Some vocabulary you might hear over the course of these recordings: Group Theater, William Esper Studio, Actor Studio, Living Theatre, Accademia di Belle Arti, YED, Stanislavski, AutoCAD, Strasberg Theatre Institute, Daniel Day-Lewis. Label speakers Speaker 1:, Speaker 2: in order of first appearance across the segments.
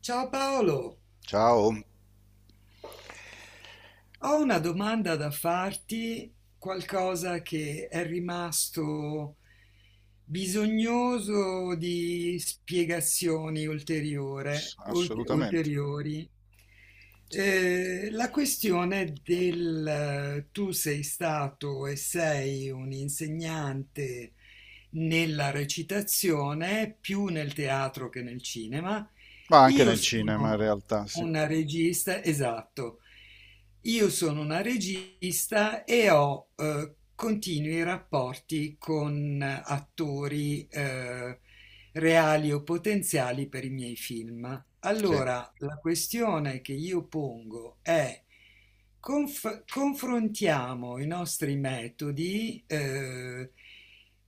Speaker 1: Ciao Paolo,
Speaker 2: Ciao.
Speaker 1: ho una domanda da farti, qualcosa che è rimasto bisognoso di
Speaker 2: Assolutamente.
Speaker 1: ulteriori. La questione del tu sei stato e sei un insegnante nella recitazione, più nel teatro che nel cinema.
Speaker 2: Ma anche
Speaker 1: Io
Speaker 2: nel cinema in
Speaker 1: sono
Speaker 2: realtà, sì.
Speaker 1: una regista, esatto. Io sono una regista e ho continui rapporti con attori reali o potenziali per i miei film.
Speaker 2: Sì,
Speaker 1: Allora, la questione che io pongo è confrontiamo i nostri metodi,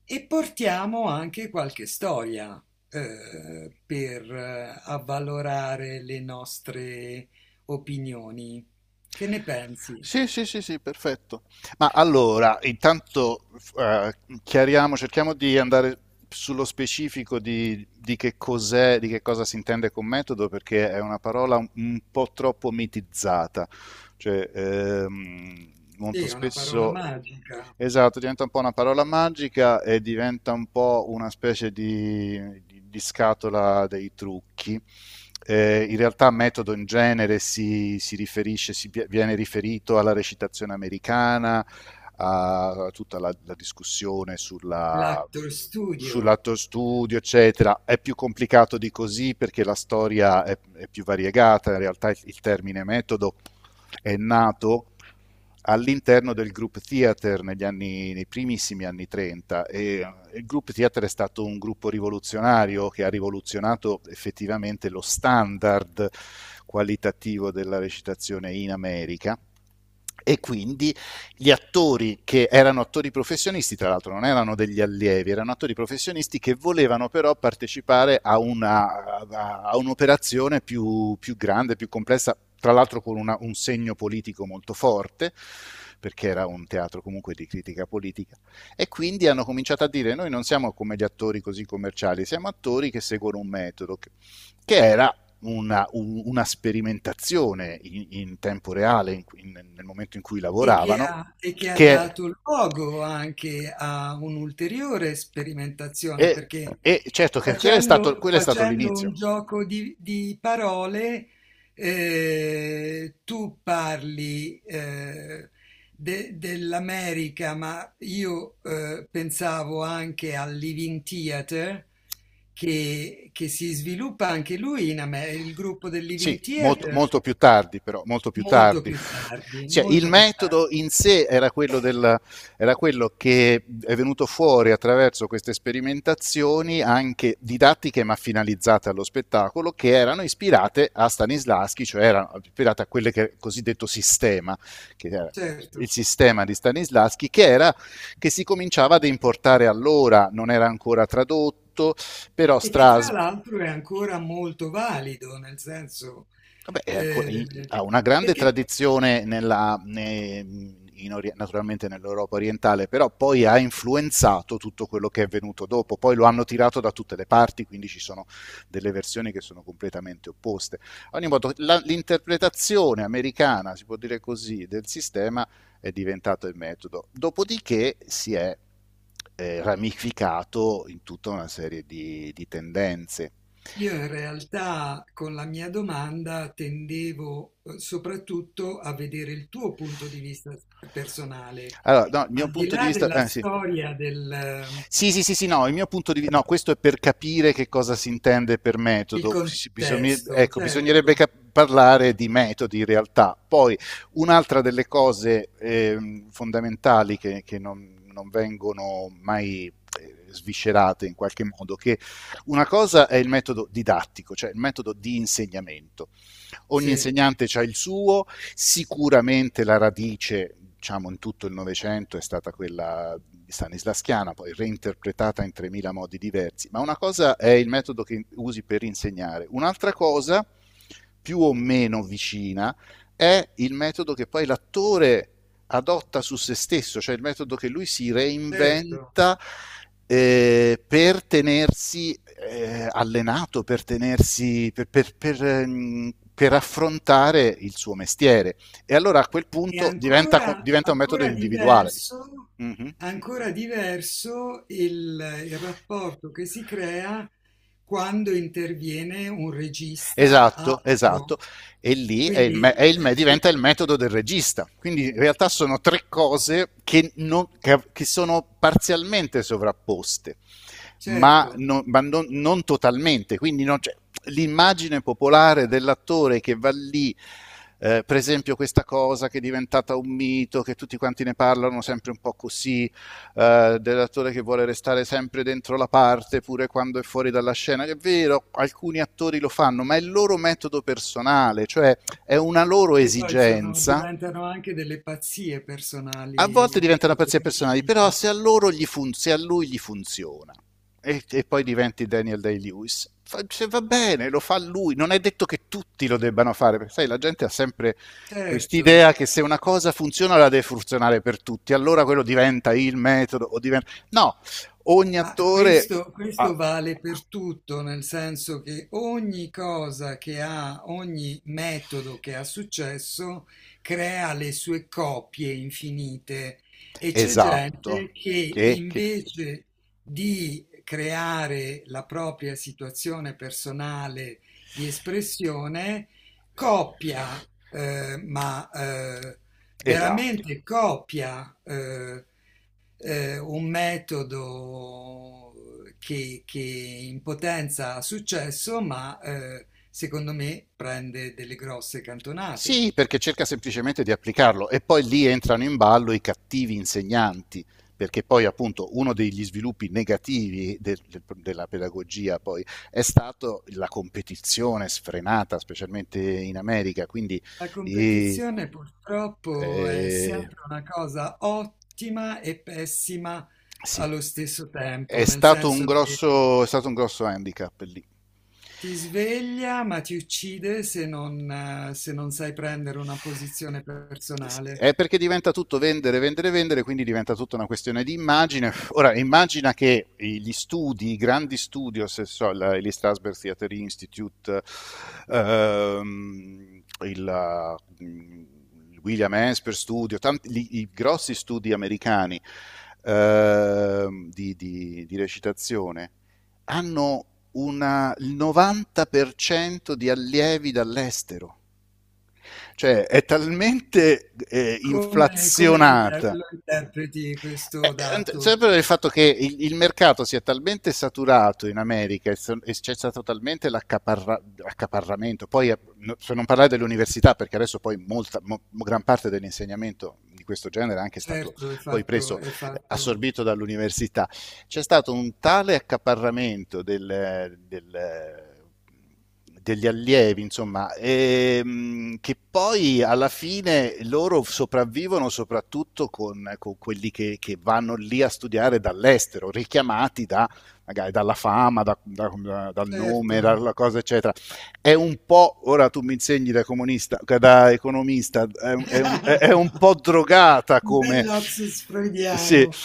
Speaker 1: e portiamo anche qualche storia per avvalorare le nostre opinioni. Che ne pensi?
Speaker 2: sì, sì, sì, sì, perfetto. Ma allora, intanto eh, chiariamo, cerchiamo di andare sullo specifico di che cos'è, di che cosa si intende con metodo, perché è una parola un po' troppo mitizzata. Cioè,
Speaker 1: Sì,
Speaker 2: molto
Speaker 1: è una parola
Speaker 2: spesso...
Speaker 1: magica.
Speaker 2: Esatto, diventa un po' una parola magica e diventa un po' una specie di scatola dei trucchi. In realtà metodo in genere si riferisce, si viene riferito alla recitazione americana, a tutta la discussione sulla,
Speaker 1: L'actor studio.
Speaker 2: sull'atto studio, eccetera. È più complicato di così perché la storia è più variegata, in realtà il termine metodo è nato all'interno del Group Theater negli anni, nei primissimi anni 30 e il Group Theater è stato un gruppo rivoluzionario che ha rivoluzionato effettivamente lo standard qualitativo della recitazione in America e quindi gli attori, che erano attori professionisti, tra l'altro non erano degli allievi, erano attori professionisti che volevano però partecipare a un'operazione grande, più complessa, tra l'altro con un segno politico molto forte perché era un teatro comunque di critica politica, e quindi hanno cominciato a dire: noi non siamo come gli attori così commerciali, siamo attori che seguono un metodo che era una sperimentazione in tempo reale nel momento in cui
Speaker 1: E che
Speaker 2: lavoravano,
Speaker 1: ha
Speaker 2: che è,
Speaker 1: dato luogo anche a un'ulteriore sperimentazione,
Speaker 2: e-
Speaker 1: perché
Speaker 2: e certo che
Speaker 1: facendo
Speaker 2: quello è stato
Speaker 1: facendo un
Speaker 2: l'inizio.
Speaker 1: gioco di parole, tu parli, de dell'America, ma io, pensavo anche al Living Theatre che si sviluppa anche lui in Ame, il gruppo del Living
Speaker 2: Sì, molto,
Speaker 1: Theatre
Speaker 2: molto più tardi, però, molto più
Speaker 1: molto
Speaker 2: tardi.
Speaker 1: più tardi,
Speaker 2: Cioè, il
Speaker 1: molto più
Speaker 2: metodo in
Speaker 1: tardi.
Speaker 2: sé era quello, era quello che è venuto fuori attraverso queste sperimentazioni, anche didattiche ma finalizzate allo spettacolo, che erano ispirate a Stanislavski, cioè erano ispirate a quelle che cosiddetto sistema, che era
Speaker 1: Certo,
Speaker 2: il sistema di Stanislavski, che era, che si cominciava ad importare allora, non era ancora tradotto, però
Speaker 1: e che tra
Speaker 2: Strasbourg...
Speaker 1: l'altro è ancora molto valido, nel senso,
Speaker 2: Vabbè, è
Speaker 1: eh,
Speaker 2: ha una grande
Speaker 1: perché
Speaker 2: tradizione naturalmente nell'Europa orientale, però poi ha influenzato tutto quello che è venuto dopo. Poi lo hanno tirato da tutte le parti, quindi ci sono delle versioni che sono completamente opposte. Ad ogni modo, l'interpretazione americana, si può dire così, del sistema è diventato il metodo. Dopodiché si è ramificato in tutta una serie di tendenze.
Speaker 1: io in realtà con la mia domanda tendevo soprattutto a vedere il tuo punto di vista personale,
Speaker 2: Allora, no, il mio
Speaker 1: al di
Speaker 2: punto di
Speaker 1: là
Speaker 2: vista...
Speaker 1: della
Speaker 2: sì.
Speaker 1: storia del,
Speaker 2: Sì, sì, sì, sì, no, il mio punto di vista... No, questo è per capire che cosa si intende per
Speaker 1: il
Speaker 2: metodo.
Speaker 1: contesto,
Speaker 2: Ecco,
Speaker 1: certo,
Speaker 2: parlare di metodi in realtà. Poi, un'altra delle cose fondamentali che non vengono mai sviscerate in qualche modo, che una cosa è il metodo didattico, cioè il metodo di insegnamento. Ogni
Speaker 1: sì,
Speaker 2: insegnante ha il suo, sicuramente la radice, diciamo, in tutto il Novecento è stata quella di Stanislaschiana, poi reinterpretata in 3000 modi diversi, ma una cosa è il metodo che usi per insegnare, un'altra cosa, più o meno vicina, è il metodo che poi l'attore adotta su se stesso, cioè il metodo che lui si
Speaker 1: certo.
Speaker 2: reinventa per tenersi allenato, per tenersi per affrontare il suo mestiere. E allora a quel
Speaker 1: E
Speaker 2: punto diventa,
Speaker 1: ancora,
Speaker 2: diventa un metodo individuale. Mhm.
Speaker 1: ancora diverso il rapporto che si crea quando interviene un regista
Speaker 2: Esatto, esatto.
Speaker 1: altro.
Speaker 2: E lì
Speaker 1: Quindi,
Speaker 2: diventa il metodo del regista. Quindi in realtà sono tre cose che, non- che sono parzialmente sovrapposte, ma,
Speaker 1: certo,
Speaker 2: non, ma non totalmente. Quindi non c'è, l'immagine popolare dell'attore che va lì, per esempio questa cosa che è diventata un mito, che tutti quanti ne parlano sempre un po' così, dell'attore che vuole restare sempre dentro la parte pure quando è fuori dalla scena. È vero, alcuni attori lo fanno, ma è il loro metodo personale, cioè è una loro
Speaker 1: e poi
Speaker 2: esigenza.
Speaker 1: diventano anche delle pazzie
Speaker 2: A
Speaker 1: personali
Speaker 2: volte
Speaker 1: in
Speaker 2: diventano
Speaker 1: questo
Speaker 2: pezzi personali, però
Speaker 1: periodo.
Speaker 2: se a, loro gli fun- se a lui gli funziona, e poi diventi Daniel Day-Lewis, cioè, va bene, lo fa lui, non è detto che tutti lo debbano fare, perché sai, la gente ha sempre
Speaker 1: Certo.
Speaker 2: quest'idea che se una cosa funziona la deve funzionare per tutti, allora quello diventa il metodo o diventa... No, ogni
Speaker 1: Ma
Speaker 2: attore
Speaker 1: questo,
Speaker 2: ha...
Speaker 1: questo vale per tutto, nel senso che ogni cosa che ha, ogni metodo che ha successo crea le sue copie infinite e c'è
Speaker 2: Esatto,
Speaker 1: gente che
Speaker 2: che... che...
Speaker 1: invece di creare la propria situazione personale di espressione, copia, eh, ma eh,
Speaker 2: esatto.
Speaker 1: veramente copia. Un metodo che in potenza ha successo, ma, secondo me prende delle grosse cantonate.
Speaker 2: Sì, perché cerca semplicemente di applicarlo e poi lì entrano in ballo i cattivi insegnanti, perché poi appunto uno degli sviluppi negativi della pedagogia poi è stato la competizione sfrenata, specialmente in America, quindi
Speaker 1: La
Speaker 2: eh,
Speaker 1: competizione purtroppo è
Speaker 2: eh,
Speaker 1: sempre una cosa ottima e pessima
Speaker 2: sì,
Speaker 1: allo stesso tempo,
Speaker 2: è
Speaker 1: nel
Speaker 2: stato un
Speaker 1: senso che
Speaker 2: grosso, è stato un grosso handicap lì.
Speaker 1: ti sveglia ma ti uccide se non, se non sai prendere una posizione personale.
Speaker 2: È perché diventa tutto vendere, vendere, vendere, quindi diventa tutta una questione di immagine. Ora, immagina che gli studi, i grandi studios, gli Strasberg Theatre Institute, il William Esper Studio, i grossi studi americani di recitazione, hanno il 90% di allievi dall'estero. Cioè, è talmente inflazionata,
Speaker 1: Lo interpreti
Speaker 2: eh,
Speaker 1: questo dato?
Speaker 2: sempre il fatto che il mercato sia talmente saturato in America, e c'è stato talmente l'accaparramento, poi per non parlare dell'università, perché adesso poi gran parte dell'insegnamento di questo genere è anche è stato
Speaker 1: Certo,
Speaker 2: poi preso,
Speaker 1: è fatto,
Speaker 2: assorbito dall'università, c'è stato un tale accaparramento del degli allievi, insomma, che poi alla fine loro sopravvivono soprattutto con quelli vanno lì a studiare dall'estero, richiamati magari dalla fama, dal nome,
Speaker 1: certo,
Speaker 2: dalla cosa, eccetera. È un po', ora tu mi insegni da comunista, da economista, è un po' drogata
Speaker 1: un bel
Speaker 2: come...
Speaker 1: lapsus
Speaker 2: Sì,
Speaker 1: freudiano,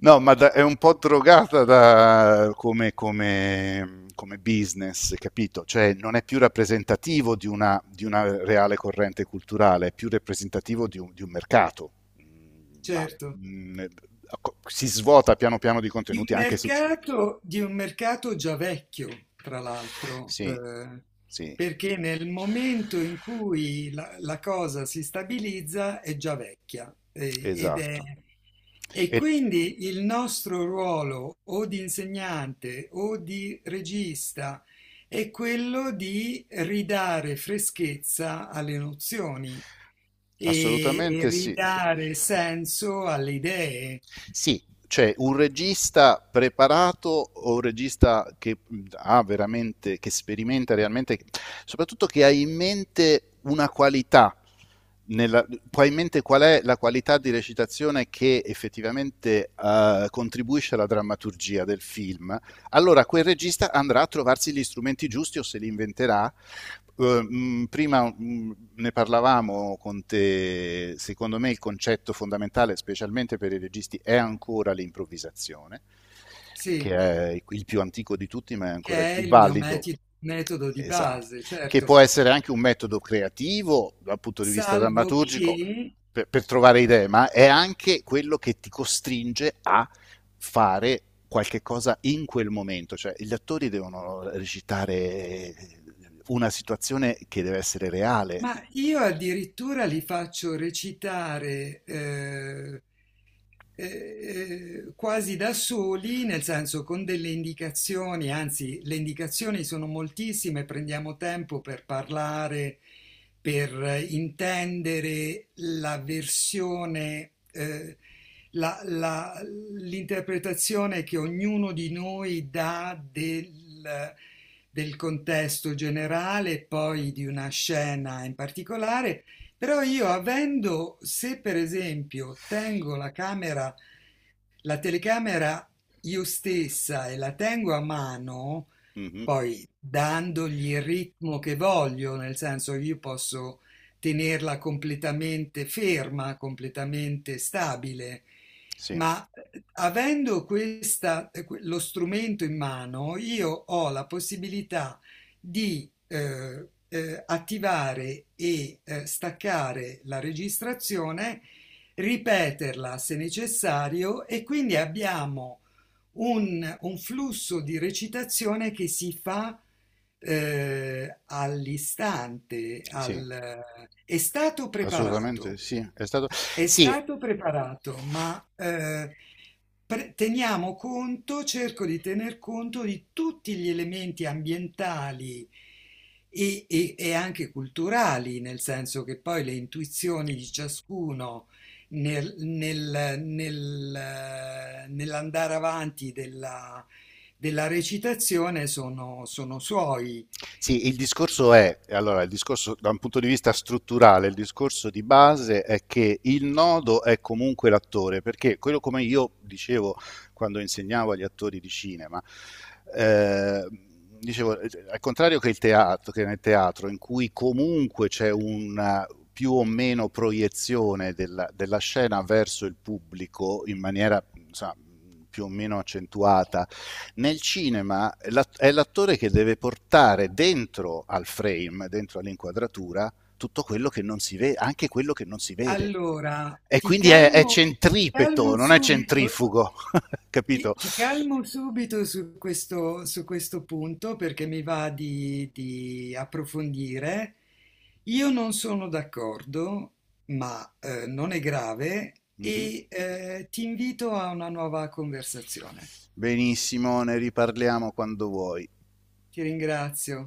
Speaker 2: no, ma è un po' drogata come business, capito? Cioè non è più rappresentativo di una reale corrente culturale, è più rappresentativo di un mercato. Mm. Ma
Speaker 1: certo.
Speaker 2: mm, si svuota piano piano di contenuti, anche se...
Speaker 1: Di un mercato già vecchio, tra l'altro,
Speaker 2: sì, sì.
Speaker 1: perché nel momento in cui la, la cosa si stabilizza è già vecchia, ed è,
Speaker 2: Esatto.
Speaker 1: e
Speaker 2: E
Speaker 1: quindi il nostro ruolo o di insegnante o di regista è quello di ridare freschezza alle nozioni e
Speaker 2: assolutamente sì.
Speaker 1: ridare senso alle idee.
Speaker 2: Sì, cioè un regista preparato o un regista che ha veramente, che sperimenta realmente, soprattutto che ha in mente una qualità, nella, ha in mente qual è la qualità di recitazione che effettivamente contribuisce alla drammaturgia del film, allora quel regista andrà a trovarsi gli strumenti giusti o se li inventerà. Prima ne parlavamo con te, secondo me il concetto fondamentale, specialmente per i registi, è ancora l'improvvisazione,
Speaker 1: Sì.
Speaker 2: che è il più antico di tutti, ma è ancora il
Speaker 1: Che è
Speaker 2: più
Speaker 1: il mio
Speaker 2: valido.
Speaker 1: metodo di
Speaker 2: Esatto,
Speaker 1: base,
Speaker 2: che
Speaker 1: certo,
Speaker 2: può essere anche un metodo creativo dal punto di vista
Speaker 1: salvo
Speaker 2: drammaturgico
Speaker 1: che,
Speaker 2: per trovare idee, ma è anche quello che ti costringe a fare qualche cosa in quel momento, cioè gli attori devono recitare una situazione che deve essere reale.
Speaker 1: ma io addirittura li faccio recitare quasi da soli, nel senso con delle indicazioni, anzi le indicazioni sono moltissime, prendiamo tempo per parlare, per intendere la versione, la- la- l'interpretazione che ognuno di noi dà del, del contesto generale, poi di una scena in particolare. Però io avendo, se per esempio tengo la camera, la telecamera io stessa e la tengo a mano,
Speaker 2: Mhm.
Speaker 1: poi dandogli il ritmo che voglio, nel senso io posso tenerla completamente ferma, completamente stabile,
Speaker 2: Sì,
Speaker 1: ma, avendo lo strumento in mano, io ho la possibilità di attivare e staccare la registrazione, ripeterla se necessario e quindi abbiamo un flusso di recitazione che si fa, all'istante,
Speaker 2: sì,
Speaker 1: è stato
Speaker 2: assolutamente
Speaker 1: preparato.
Speaker 2: sì. È stato...
Speaker 1: È
Speaker 2: Sì.
Speaker 1: stato preparato, ma, teniamo conto, cerco di tener conto di tutti gli elementi ambientali e, e anche culturali, nel senso che poi le intuizioni di ciascuno nell'andare avanti della, della recitazione sono, sono suoi.
Speaker 2: Sì, il discorso è, allora, il discorso da un punto di vista strutturale, il discorso di base è che il nodo è comunque l'attore, perché quello, come io dicevo quando insegnavo agli attori di cinema, eh, dicevo, al contrario che il teatro, che nel teatro in cui comunque c'è una più o meno proiezione della, della scena verso il pubblico in maniera, insomma, più o meno accentuata, nel cinema è l'attore che deve portare dentro al frame, dentro all'inquadratura, tutto quello che non si vede, anche quello che non si vede.
Speaker 1: Allora,
Speaker 2: E quindi è
Speaker 1: ti
Speaker 2: centripeto,
Speaker 1: calmo
Speaker 2: non è
Speaker 1: subito.
Speaker 2: centrifugo,
Speaker 1: Ti
Speaker 2: capito?
Speaker 1: ti calmo subito su questo punto perché mi va di approfondire. Io non sono d'accordo, ma, non è grave
Speaker 2: Mhm.
Speaker 1: e, ti invito a una nuova conversazione.
Speaker 2: Benissimo, ne riparliamo quando vuoi.
Speaker 1: Ti ringrazio.